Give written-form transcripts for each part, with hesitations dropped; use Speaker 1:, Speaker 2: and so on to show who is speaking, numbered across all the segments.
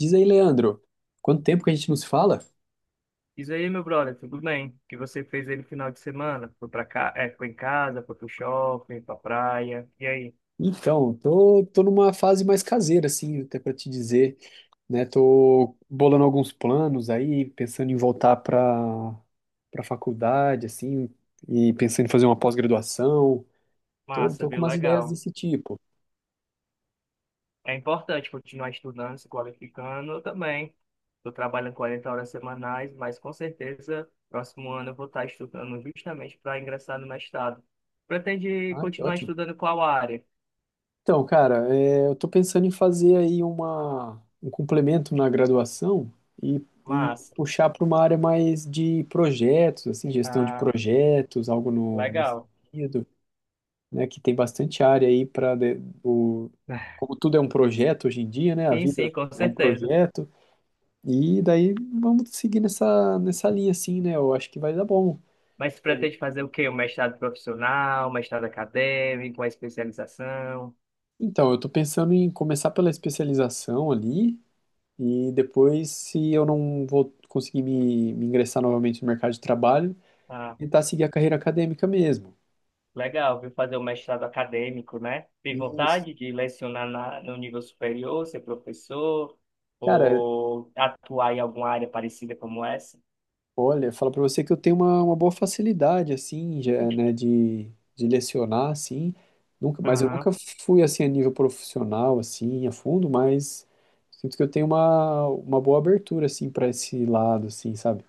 Speaker 1: Diz aí, Leandro, quanto tempo que a gente não se fala?
Speaker 2: Diz aí, meu brother, tudo bem? O que você fez aí no final de semana? Foi pra cá, é, foi em casa, foi pro shopping, pra praia. E aí?
Speaker 1: Então, tô numa fase mais caseira, assim, até para te dizer, né? Tô bolando alguns planos aí, pensando em voltar para faculdade, assim, e pensando em fazer uma pós-graduação. Tô,
Speaker 2: Massa,
Speaker 1: tô com
Speaker 2: viu?
Speaker 1: umas ideias
Speaker 2: Legal.
Speaker 1: desse tipo.
Speaker 2: É importante continuar estudando, se qualificando. Eu também. Estou trabalhando 40 horas semanais, mas com certeza, próximo ano eu vou estar estudando justamente para ingressar no mestrado. Pretende
Speaker 1: Ah, que
Speaker 2: continuar
Speaker 1: ótimo.
Speaker 2: estudando qual área?
Speaker 1: Então, cara, eu tô pensando em fazer aí uma, um complemento na graduação e
Speaker 2: Massa.
Speaker 1: puxar para uma área mais de projetos, assim, gestão de
Speaker 2: Ah,
Speaker 1: projetos, algo no, nesse
Speaker 2: legal.
Speaker 1: sentido, né, que tem bastante área aí para o, como tudo é um projeto hoje em dia, né, a
Speaker 2: Sim, sim,
Speaker 1: vida
Speaker 2: com
Speaker 1: é um
Speaker 2: certeza.
Speaker 1: projeto e daí vamos seguir nessa linha assim, né? Eu acho que vai dar bom.
Speaker 2: Mas você pretende fazer o quê? Um mestrado profissional, um mestrado acadêmico, uma especialização?
Speaker 1: Então, eu tô pensando em começar pela especialização ali. E depois, se eu não vou conseguir me ingressar novamente no mercado de trabalho,
Speaker 2: Ah,
Speaker 1: tentar seguir a carreira acadêmica mesmo.
Speaker 2: legal, viu? Fazer um mestrado acadêmico, né? Tem
Speaker 1: E,
Speaker 2: vontade de lecionar no nível superior, ser professor,
Speaker 1: cara,
Speaker 2: ou atuar em alguma área parecida como essa?
Speaker 1: olha, falo pra você que eu tenho uma boa facilidade, assim, já, né, de lecionar, assim. Nunca, mas eu
Speaker 2: Aham.
Speaker 1: nunca fui, assim, a nível profissional, assim, a fundo, mas sinto que eu tenho uma boa abertura, assim, para esse lado, assim, sabe?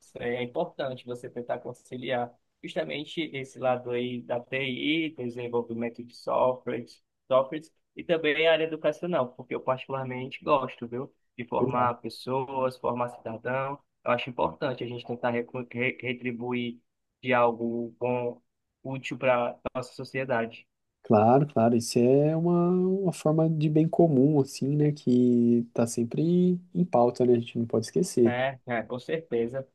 Speaker 2: Isso aí é importante você tentar conciliar justamente esse lado aí da TI, desenvolvimento de softwares, softwares e também a área educacional, porque eu particularmente gosto, viu, de formar pessoas, formar cidadão. Eu acho importante a gente tentar retribuir de algo bom, útil para nossa sociedade.
Speaker 1: Claro, claro, isso é uma forma de bem comum, assim, né, que tá sempre em pauta, né, a gente não pode esquecer.
Speaker 2: É, é, com certeza.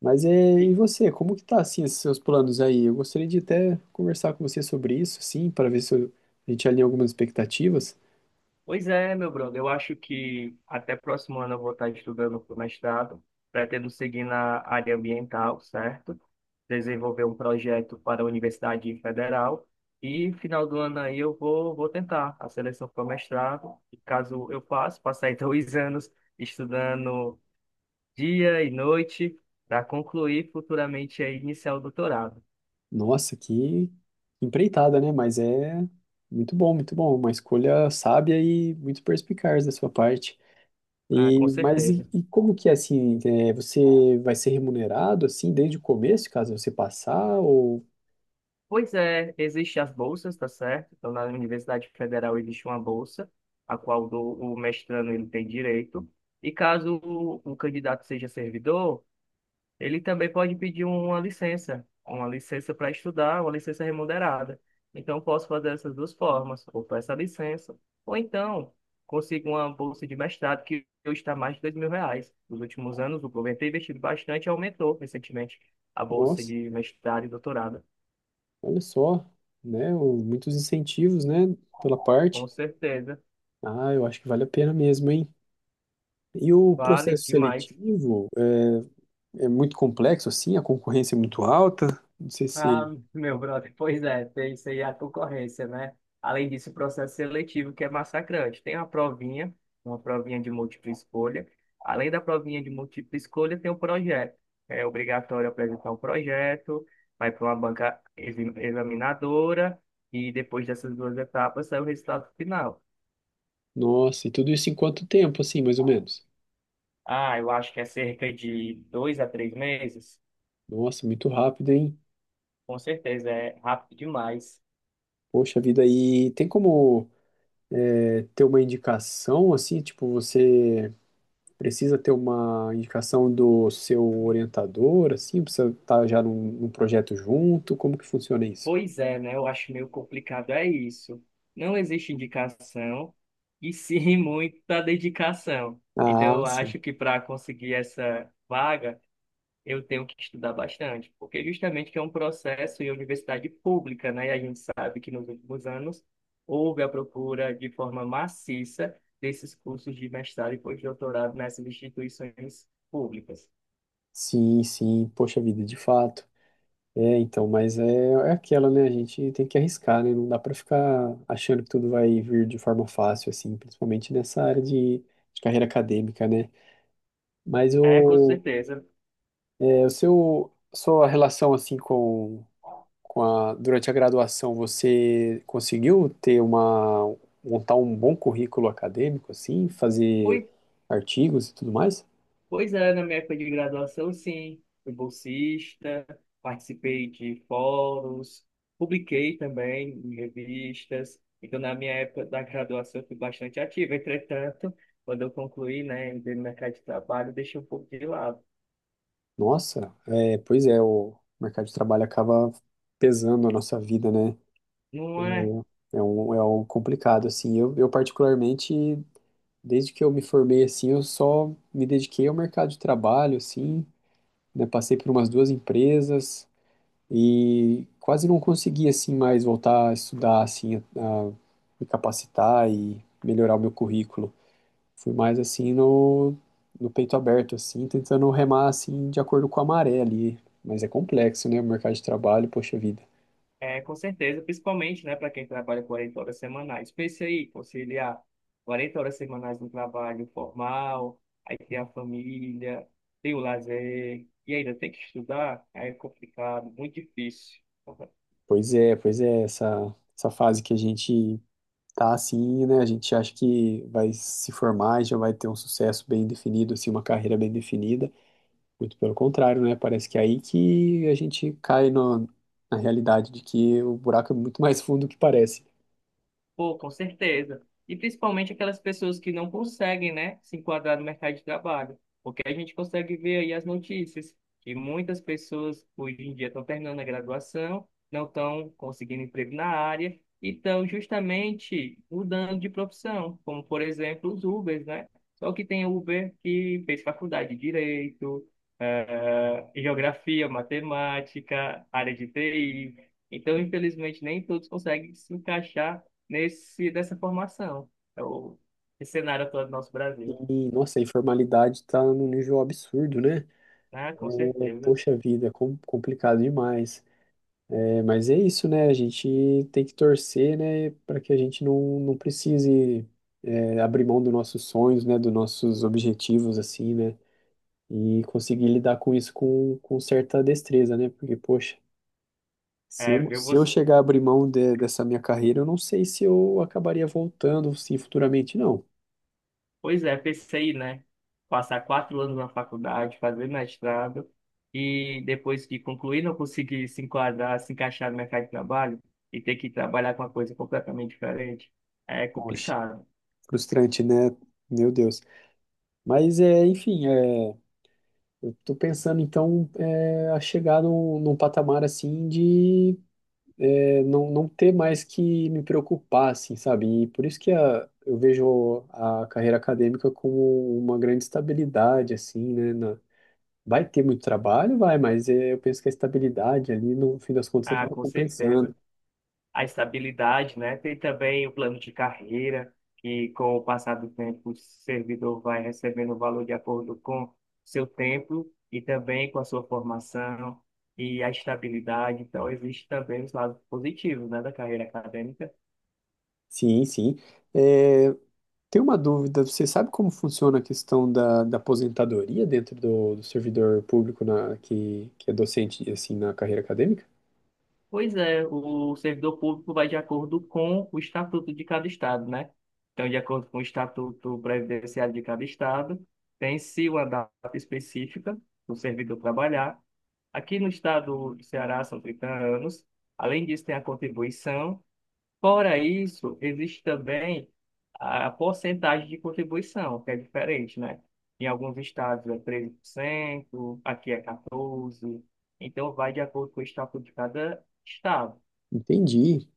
Speaker 1: Mas é, e você, como que tá, assim, esses seus planos aí? Eu gostaria de até conversar com você sobre isso, assim, para ver se eu- a gente alinha algumas expectativas.
Speaker 2: Pois é, meu brother, eu acho que até próximo ano eu vou estar estudando para o mestrado, pretendo seguir na área ambiental, certo? Desenvolver um projeto para a Universidade Federal e final do ano aí eu vou tentar a seleção para o mestrado, e caso eu passe, passei dois anos estudando dia e noite para concluir futuramente aí iniciar o doutorado,
Speaker 1: Nossa, que empreitada, né, mas é muito bom, uma escolha sábia e muito perspicaz da sua parte.
Speaker 2: ah, com
Speaker 1: E, mas e,
Speaker 2: certeza.
Speaker 1: e como que é assim? Você vai ser remunerado assim desde o começo, caso você passar? Ou,
Speaker 2: Pois é, existem as bolsas, tá certo? Então, na Universidade Federal existe uma bolsa, a qual o mestrando ele tem direito. E caso o candidato seja servidor, ele também pode pedir uma licença para estudar, uma licença remunerada. Então, eu posso fazer essas duas formas, ou peço a licença, ou então consigo uma bolsa de mestrado que hoje está mais de 2.000 reais. Nos últimos anos, o governo tem investido bastante e aumentou recentemente a bolsa
Speaker 1: nossa,
Speaker 2: de mestrado e doutorado.
Speaker 1: olha só, né? O- muitos incentivos, né? Pela
Speaker 2: Com
Speaker 1: parte.
Speaker 2: certeza.
Speaker 1: Ah, eu acho que vale a pena mesmo, hein? E o
Speaker 2: Vale
Speaker 1: processo
Speaker 2: demais.
Speaker 1: seletivo é, é muito complexo, assim, a concorrência é muito alta. Não sei
Speaker 2: Ah,
Speaker 1: se.
Speaker 2: meu brother, pois é, tem isso aí a concorrência, né? Além disso, o processo seletivo que é massacrante. Tem a provinha, uma provinha de múltipla escolha. Além da provinha de múltipla escolha, tem o projeto. É obrigatório apresentar um projeto, vai para uma banca examinadora e depois dessas duas etapas sai o resultado final.
Speaker 1: Nossa, e tudo isso em quanto tempo, assim, mais ou menos?
Speaker 2: Ah, eu acho que é cerca de 2 a 3 meses.
Speaker 1: Nossa, muito rápido, hein?
Speaker 2: Com certeza, é rápido demais.
Speaker 1: Poxa vida, e tem como ter uma indicação, assim, tipo, você. Precisa ter uma indicação do seu orientador, assim, precisa estar já num, num projeto junto, como que funciona isso?
Speaker 2: Pois é, né? Eu acho meio complicado, é isso. Não existe indicação e sim muita dedicação. Então,
Speaker 1: Ah,
Speaker 2: eu
Speaker 1: sim.
Speaker 2: acho que para conseguir essa vaga, eu tenho que estudar bastante, porque justamente que é um processo em universidade pública, né? E a gente sabe que nos últimos anos houve a procura de forma maciça desses cursos de mestrado e pós-doutorado nessas instituições públicas.
Speaker 1: Sim, sim, poxa vida, de fato. É, então, mas é, é aquela, né? A gente tem que arriscar, né? Não dá pra ficar achando que tudo vai vir de forma fácil, assim, principalmente nessa área de carreira acadêmica, né? Mas
Speaker 2: É, com
Speaker 1: o,
Speaker 2: certeza.
Speaker 1: é, o seu, sua relação, assim, com a- durante a graduação, você conseguiu ter uma, montar um bom currículo acadêmico, assim, fazer
Speaker 2: Pois
Speaker 1: artigos e tudo mais?
Speaker 2: Pois é, na minha época de graduação, sim. Fui bolsista, participei de fóruns, publiquei também em revistas. Então, na minha época da graduação, eu fui bastante ativo. Entretanto, quando eu concluí, né, entrei no mercado de trabalho, deixei um pouco de lado.
Speaker 1: Nossa, é, pois é, o mercado de trabalho acaba pesando a nossa vida, né?
Speaker 2: Não é.
Speaker 1: É, é um, é algo complicado, assim. Eu, particularmente, desde que eu me formei, assim, eu só me dediquei ao mercado de trabalho, assim, né? Passei por umas duas empresas, e quase não consegui assim mais voltar a estudar assim, a me capacitar e melhorar o meu currículo. Fui mais assim no, no peito aberto assim, tentando remar assim de acordo com a maré ali, mas é complexo, né, o mercado de trabalho, poxa vida.
Speaker 2: É, com certeza, principalmente, né, para quem trabalha 40 horas semanais. Pense aí, conciliar 40 horas semanais no trabalho formal, aí tem a família, tem o lazer, e ainda tem que estudar, aí é complicado, muito difícil.
Speaker 1: Pois é, essa fase que a gente tá assim, né, a gente acha que vai se formar e já vai ter um sucesso bem definido assim, uma carreira bem definida. Muito pelo contrário, né? Parece que é aí que a gente cai no- na realidade de que o buraco é muito mais fundo do que parece.
Speaker 2: Pô, com certeza. E principalmente aquelas pessoas que não conseguem, né, se enquadrar no mercado de trabalho. Porque a gente consegue ver aí as notícias que muitas pessoas hoje em dia estão terminando a graduação, não estão conseguindo emprego na área e estão justamente mudando de profissão, como por exemplo os Ubers, né? Só que tem Uber que fez faculdade de Direito, Geografia, Matemática, área de TI. Então, infelizmente, nem todos conseguem se encaixar dessa formação. É o Esse cenário atual do nosso Brasil.
Speaker 1: E, nossa, a informalidade tá num nível absurdo, né?
Speaker 2: Ah, com
Speaker 1: É,
Speaker 2: certeza.
Speaker 1: poxa vida, é com- complicado demais. É, mas é isso, né? A gente tem que torcer, né, para que a gente não precise, abrir mão dos nossos sonhos, né, dos nossos objetivos, assim, né? E conseguir lidar com isso com certa destreza, né? Porque, poxa.
Speaker 2: É, viu
Speaker 1: Se eu
Speaker 2: você.
Speaker 1: chegar a abrir mão de- dessa minha carreira, eu não sei se eu acabaria voltando, sim, futuramente, não.
Speaker 2: Pois é, pensei, né? Passar 4 anos na faculdade, fazer mestrado, e depois que concluir, não conseguir se enquadrar, se encaixar no mercado de trabalho e ter que trabalhar com uma coisa completamente diferente. É
Speaker 1: Poxa,
Speaker 2: complicado.
Speaker 1: frustrante, né? Meu Deus. Mas, é, enfim, é, eu tô pensando, então, é, a chegar num, num patamar, assim, de não, não ter mais que me preocupar, assim, sabe? E por isso que a, eu vejo a carreira acadêmica como uma grande estabilidade, assim, né? Vai ter muito trabalho, vai, mas eu penso que a estabilidade ali, no fim das contas,
Speaker 2: Ah,
Speaker 1: acaba
Speaker 2: com certeza.
Speaker 1: compensando.
Speaker 2: A estabilidade, né? Tem também o plano de carreira, que com o passar do tempo o servidor vai recebendo o valor de acordo com seu tempo e também com a sua formação e a estabilidade. Então, existe também os lados positivos, né, da carreira acadêmica.
Speaker 1: Sim, sim. Eh, Tem uma dúvida, você sabe como funciona a questão da, da aposentadoria dentro do, do servidor público na, que é docente, assim, na carreira acadêmica?
Speaker 2: Pois é, o servidor público vai de acordo com o estatuto de cada estado, né? Então, de acordo com o estatuto previdenciário de cada estado, tem-se uma data específica do servidor trabalhar. Aqui no estado do Ceará são 30 anos. Além disso, tem a contribuição. Fora isso, existe também a porcentagem de contribuição, que é diferente, né? Em alguns estados é 13%, aqui é 14%. Então, vai de acordo com o estatuto de cada estado.
Speaker 1: Entendi,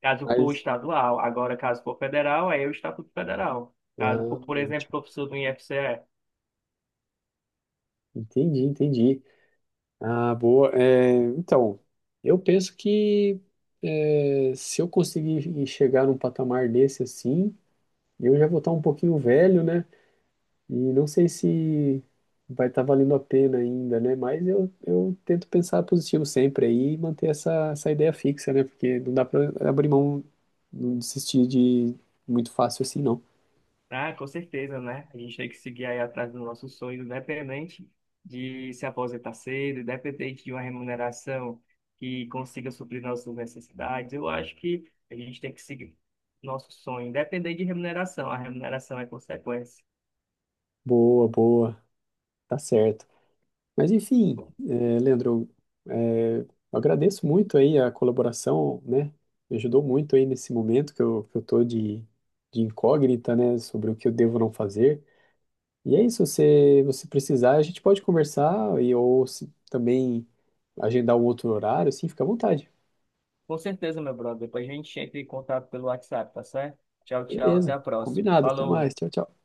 Speaker 2: Caso for
Speaker 1: mas...
Speaker 2: estadual, agora caso for federal, aí é o estatuto federal.
Speaker 1: Ah,
Speaker 2: Caso for, por exemplo,
Speaker 1: ótimo.
Speaker 2: professor do IFCE,
Speaker 1: Entendi, entendi. Ah, boa. Então, eu penso que se eu conseguir chegar num patamar desse assim, eu já vou estar um pouquinho velho, né? E não sei se vai estar valendo a pena ainda, né? Mas eu tento pensar positivo sempre aí e manter essa, essa ideia fixa, né? Porque não dá pra abrir mão, não desistir de muito fácil assim, não.
Speaker 2: ah, com certeza, né? A gente tem que seguir aí atrás do nosso sonho, independente de se aposentar cedo, independente de uma remuneração que consiga suprir nossas necessidades. Eu acho que a gente tem que seguir nosso sonho, independente de remuneração. A remuneração é consequência.
Speaker 1: Boa, boa, tá certo. Mas enfim, é, Leandro, é, eu agradeço muito aí a colaboração, né? Me ajudou muito aí nesse momento que que eu tô de incógnita, né? Sobre o que eu devo não fazer. E é isso, se você precisar, a gente pode conversar e ou se também agendar um outro horário, assim, fica à vontade.
Speaker 2: Com certeza, meu brother. Depois a gente entra em contato pelo WhatsApp, tá certo? Tchau, tchau. Até
Speaker 1: Beleza,
Speaker 2: a próxima.
Speaker 1: combinado, até
Speaker 2: Falou!
Speaker 1: mais, tchau, tchau.